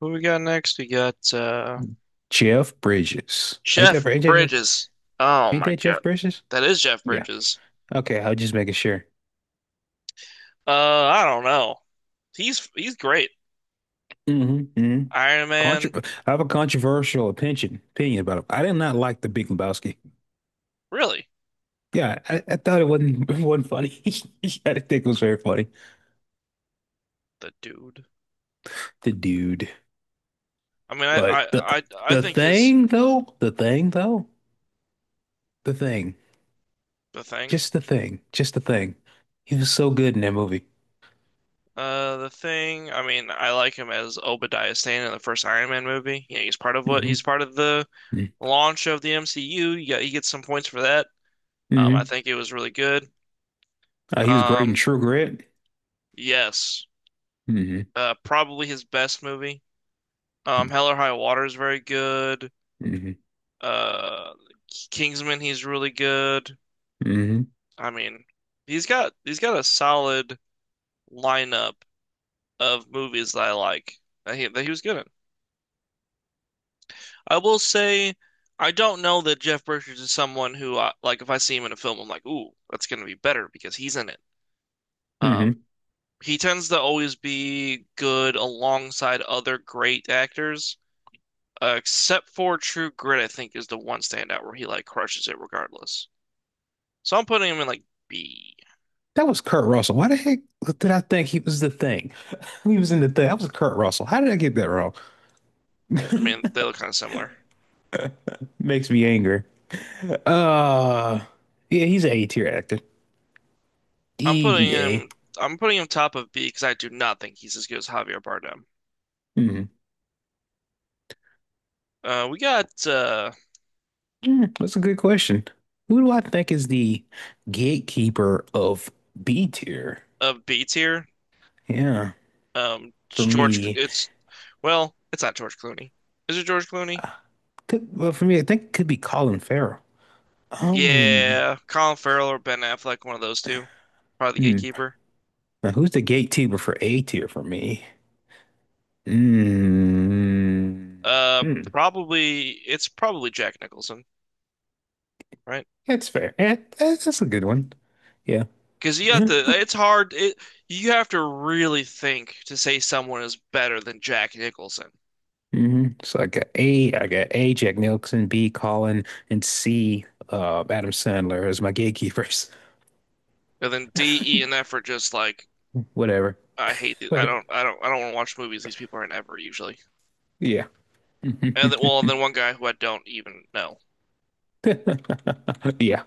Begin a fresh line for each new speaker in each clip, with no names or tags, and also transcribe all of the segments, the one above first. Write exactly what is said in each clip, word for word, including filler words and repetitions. Who we got next? We got uh
Jeff Bridges. Ain't
Jeff
that ain't that,
Bridges. Oh
ain't
my
that Jeff
God.
Bridges?
That is Jeff
Yeah.
Bridges.
Okay, I was just making sure.
Uh, I don't know. He's he's great.
Hmm, hmm.
Iron
Contro
Man,
I have a controversial opinion opinion about him. I did not like the Big Lebowski.
really.
Yeah, I, I thought it wasn't it wasn't funny. I didn't think it was very funny.
The dude.
The dude.
I mean, I
But
I
the
I, I
the
think is
thing though, the thing though, the thing.
the thing.
Just the thing. Just the thing. He was so good in that movie.
Uh, the thing. I mean, I like him as Obadiah Stane in the first Iron Man movie. You know, he's part of what he's
Hmm,
part of the launch of the M C U. You got, he gets some points for that. Um, I
hmm.
think it was really good.
Uh, he was great in
Um,
True Grit.
yes.
Hmm,
Uh, probably his best movie. Um, Hell or High Water is very good.
hmm,
Uh, Kingsman, he's really good.
hmm,
I mean, he's got he's got a solid lineup of movies that I like that he that he was good in. I will say, I don't know that Jeff Bridges is someone who I, like if I see him in a film, I'm like, ooh, that's gonna be better because he's in it. Um,
hmm.
he tends to always be good alongside other great actors, uh, except for True Grit, I think is the one standout where he like crushes it regardless. So I'm putting him in like B.
That was Kurt Russell. Why the heck did I think he was the thing? He was in the thing. That was Kurt Russell. How did I get that wrong?
I mean, they look kind of similar.
Makes me angry. Uh, yeah, he's an A tier actor.
I'm putting
Easy A.
him. I'm putting him top of B because I do not think he's as good as Javier Bardem.
Hmm.
Uh, we got uh
That's a good question. Who do I think is the gatekeeper of B tier?
a B tier.
Yeah,
Um,
for
George.
me,
It's well, it's not George Clooney. Is it George Clooney?
uh, could, well, for me, I think it could be Colin Farrell. Um,
Yeah, Colin Farrell or Ben Affleck, one of those two. Probably the
hmm.
gatekeeper.
Now, who's the gatekeeper for A tier for me?
Uh,
Mm-hmm.
probably it's probably Jack Nicholson, right?
That's fair. Yeah, that's, that's a good one. Yeah.
Because you have to. It's hard. It you have to really think to say someone is better than Jack Nicholson.
Hmm. So I got A, I got A, Jack Nicholson, B, Colin, and C, uh, Adam Sandler as my gatekeepers.
And then D, E, and F are just like
Whatever.
I hate. These. I
But
don't. I don't. I don't want to watch movies these people are in ever usually.
yeah.
And then, well, and then one guy who I don't even know.
Yeah.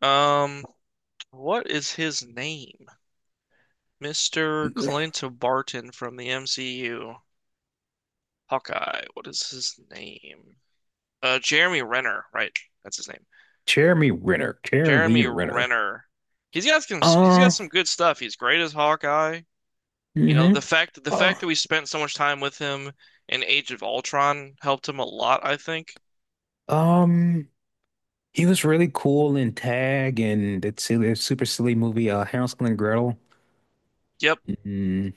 Um, what is his name? mister Clint Barton from the M C U. Hawkeye. What is his name? Uh, Jeremy Renner. Right, that's his name.
Jeremy Renner. Jeremy
Jeremy
Renner.
Renner. He's got some. He's got
Uh,
some good stuff. He's great as Hawkeye. You know, the
hmm.
fact the
Uh,
fact that we spent so much time with him in Age of Ultron helped him a lot, I think.
um, he was really cool in Tag and that silly, super silly movie, uh, Hansel and Gretel.
Yep.
Mhm.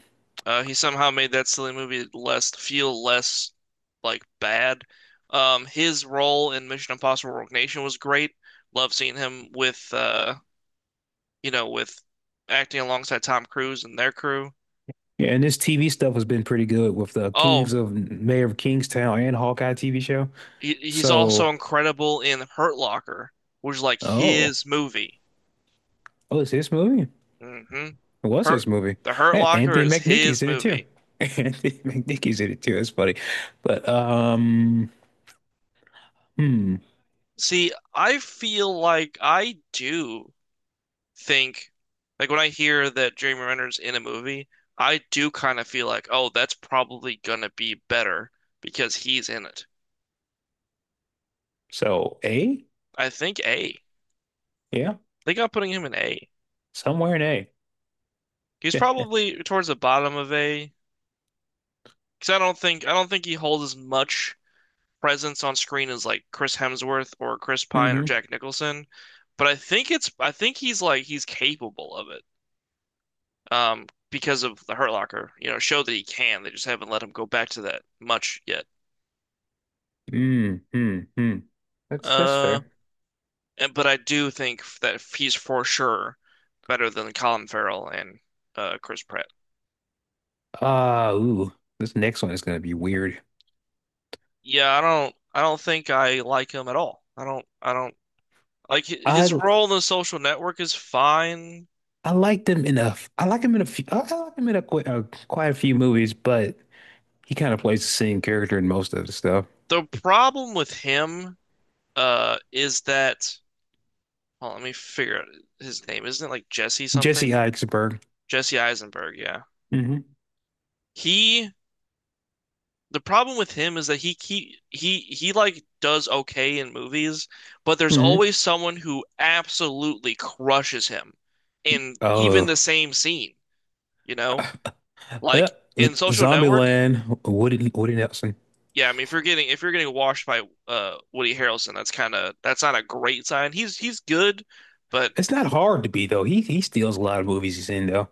Uh, he somehow made that silly movie less feel less like bad. Um, his role in Mission Impossible Rogue Nation was great. Love seeing him with uh, you know, with acting alongside Tom Cruise and their crew.
Yeah, and this T V stuff has been pretty good with the
Oh,
Kings of Mayor of Kingstown and Hawkeye T V show.
he, he's also
So,
incredible in Hurt Locker, which is like
oh,
his movie.
oh, it's this movie?
hmm
It was this
Hurt,
movie.
The Hurt
And
Locker
Anthony
is his
McNicky's in it too.
movie.
Anthony McNicky's in it too. That's funny. But um, hmm.
See, I feel like I do think like when I hear that Jeremy Renner's in a movie, I do kind of feel like, oh, that's probably gonna be better because he's in it.
So A,
I think A. I
yeah,
think I'm putting him in A.
somewhere in A.
He's probably towards the bottom of A because I don't think I don't think he holds as much presence on screen as like Chris Hemsworth or Chris Pine or
Mm-hmm.
Jack Nicholson, but I think it's I think he's like he's capable of it. Um, because of the Hurt Locker, you know, show that he can. They just haven't let him go back to that much yet.
Mm, mm, mm. That's that's
Uh,
fair.
And, but I do think that he's for sure better than Colin Farrell and uh, Chris Pratt.
Uh, ooh, this next one is gonna be weird.
Yeah, I don't I don't think I like him at all. I don't I don't like hi-
I
his role in The Social Network is fine.
I liked him enough. I like him in a few. I I like him in a, qu a quite a few movies, but he kind of plays the same character in most of the stuff.
The problem with him uh is that well, let me figure out his name. Isn't it like Jesse
Jesse
something?
Eisenberg.
Jesse Eisenberg, yeah.
Hmm,
He The problem with him is that he he he he like does okay in movies, but there's
hmm.
always someone who absolutely crushes him in even
Oh,
the same scene, you know?
yeah.
Like in Social Network,
Zombieland. Woody Woody Nelson.
yeah, I mean if you're getting if you're getting washed by uh Woody Harrelson, that's kind of that's not a great sign. He's he's good, but
It's not hard to be though. He he steals a lot of movies he's in though.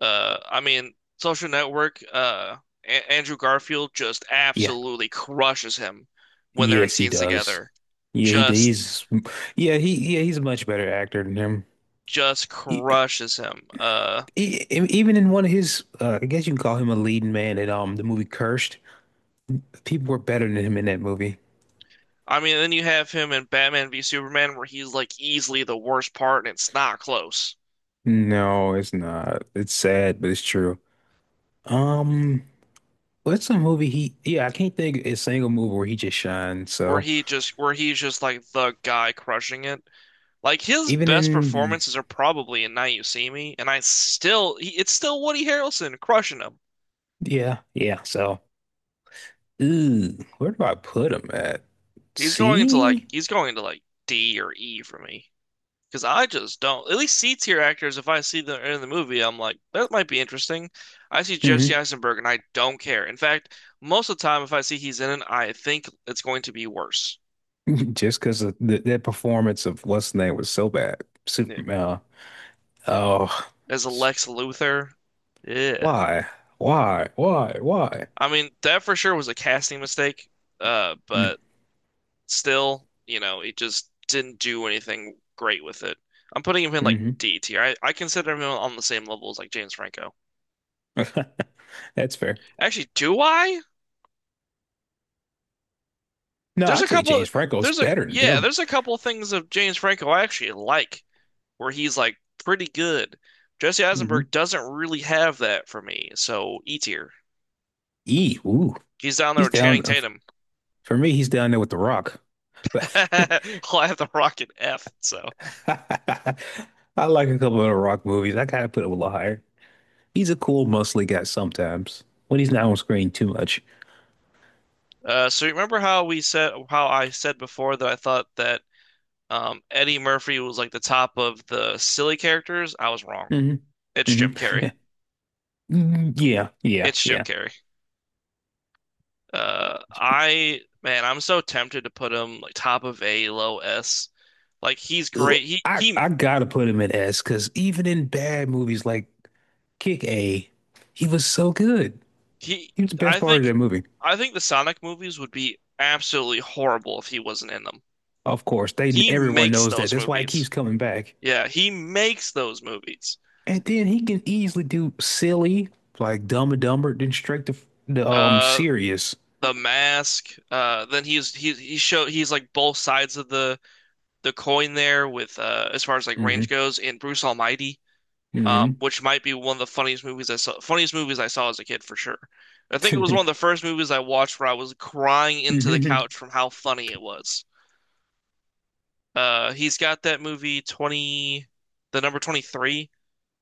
uh I mean Social Network, uh a Andrew Garfield just
Yeah.
absolutely crushes him when they're in
Yes, he
scenes
does.
together.
Yeah, he
Just
he's yeah he yeah, he's a much better actor than him.
just
E-
crushes him. Uh,
e- Even in one of his, uh, I guess you can call him a leading man in um the movie Cursed. People were better than him in that movie.
I mean, then you have him in Batman v Superman, where he's like easily the worst part, and it's not close.
No, it's not. It's sad, but it's true. Um, what's a movie he? Yeah, I can't think of a single movie where he just shined.
Where
So
he just, where he's just like the guy crushing it. Like his
even
best
in,
performances are probably in Now You See Me, and I still, he, it's still Woody Harrelson crushing him.
yeah, yeah. So, ooh, where do I put him at?
He's going into like,
C?
he's going into like D or E for me. Because I just don't. At least C tier actors, if I see them in the movie, I'm like, that might be interesting. I see Jesse
Hmm.
Eisenberg and I don't care. In fact, most of the time, if I see he's in it, I think it's going to be worse.
Just because of the, that performance of what's the name was so bad.
Yeah.
Superman. Oh,
As a
s-
Lex Luthor, yeah.
why? Why? Why? Why?
I mean, that for sure was a casting mistake. Uh, but still, you know, it just didn't do anything great with it. I'm putting him in like
Mm-hmm.
D tier. I, I consider him on the same level as like James Franco.
That's fair.
Actually, do I?
No,
There's a
I'd say
couple
James Franco's
there's a
better than
yeah,
him.
there's a couple things of James Franco I actually like where he's like pretty good. Jesse
Hmm.
Eisenberg doesn't really have that for me, so E tier.
E, ooh,
He's down there
he's
with Channing
down. Uh,
Tatum.
For me, he's down there with The Rock. But
Well, I have the Rocket F. So,
I like a couple of The Rock movies. I gotta put him a little higher. He's a cool, mostly guy sometimes when he's not on screen too much.
uh, so you remember how we said how I said before that I thought that um, Eddie Murphy was like the top of the silly characters? I was wrong.
Hmm,
It's
hmm.
Jim Carrey.
Yeah, yeah,
It's Jim
yeah.
Carrey. Uh, I man, I'm so tempted to put him like top of A, low S. Like he's
Ugh,
great. He
I
he
I gotta put him in S because even in bad movies like Kick A, he was so good.
he.
He was the best
I
part of
think
that movie.
I think the Sonic movies would be absolutely horrible if he wasn't in them.
Of course, they
He
everyone
makes
knows that.
those
That's why it
movies.
keeps coming back.
Yeah, he makes those movies.
And then he can easily do silly, like Dumb and Dumber, then straight to the um
Uh,
serious.
The Mask. Uh, then he's he he show he's like both sides of the the coin there with uh as far as like
Hmm,
range goes in Bruce Almighty. Um,
hmm,
which might be one of the funniest movies I saw, funniest movies I saw as a kid for sure. I think it was one of the first movies I watched where I was crying into the
hmm,
couch from how funny it was. Uh, he's got that movie twenty, the number twenty-three,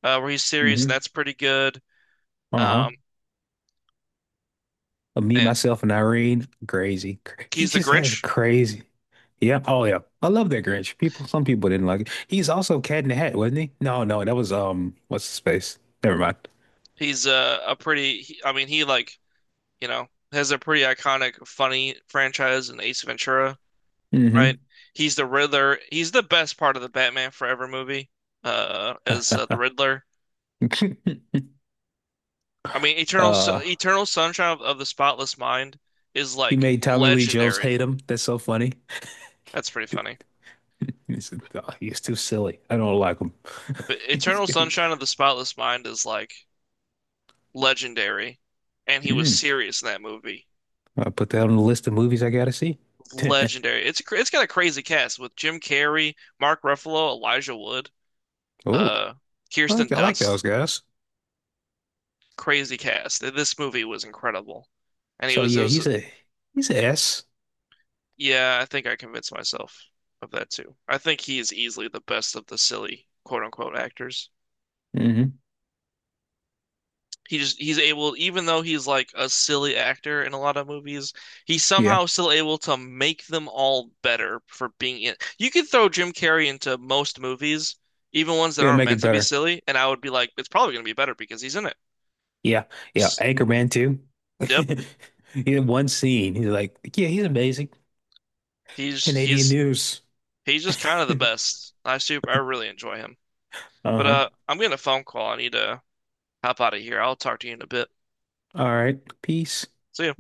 uh, where he's serious, and
hmm.
that's pretty good.
Uh-huh.
Um,
Uh, Me,
man,
myself, and Irene, crazy. Cra- He
he's the
just has
Grinch.
crazy. Yeah. Oh yeah. I love that Grinch. People, some people didn't like it. He's also Cat in the Hat, wasn't he? No, no, that was um, what's his face? Never
He's uh, a pretty, he, I mean, he like, you know, has a pretty iconic, funny franchise in Ace Ventura, right?
mind.
He's the Riddler. He's the best part of the Batman Forever movie, uh, as uh, the Riddler.
Hmm.
I mean, Eternal S-
Uh,
Eternal Sunshine of, of the Spotless Mind is
he
like
made Tommy Lee Jones
legendary.
hate him. That's so funny.
That's pretty funny.
He said, "Oh, he's too silly. I don't like him.
But Eternal Sunshine of the Spotless Mind is like legendary, and he was
Mm,
serious in that movie.
I'll put that on the list of movies I gotta see.
Legendary. It's cra- it's got a crazy cast with Jim Carrey, Mark Ruffalo, Elijah Wood,
Oh,
uh,
I like
Kirsten
I like those
Dunst.
guys.
Crazy cast. This movie was incredible, and he
So
was it
yeah,
was
he's a he's a S.
yeah. I think I convinced myself of that too. I think he is easily the best of the silly quote unquote actors.
Mm-hmm.
He just he's able, even though he's like a silly actor in a lot of movies, he's
Yeah,
somehow still able to make them all better for being in. You could throw Jim Carrey into most movies, even ones that
it'll
aren't
make
meant
it
to be
better.
silly, and I would be like, it's probably gonna be better because he's in it.
Yeah, yeah.
S-
Anchorman too.
Yep,
He had one scene. He's like, yeah, he's amazing.
he's
Canadian
he's
news.
he's just kind of the best. I super I really enjoy him. But
Uh-huh.
uh, I'm getting a phone call. I need to hop out of here. I'll talk to you in a bit.
All right. Peace.
See ya.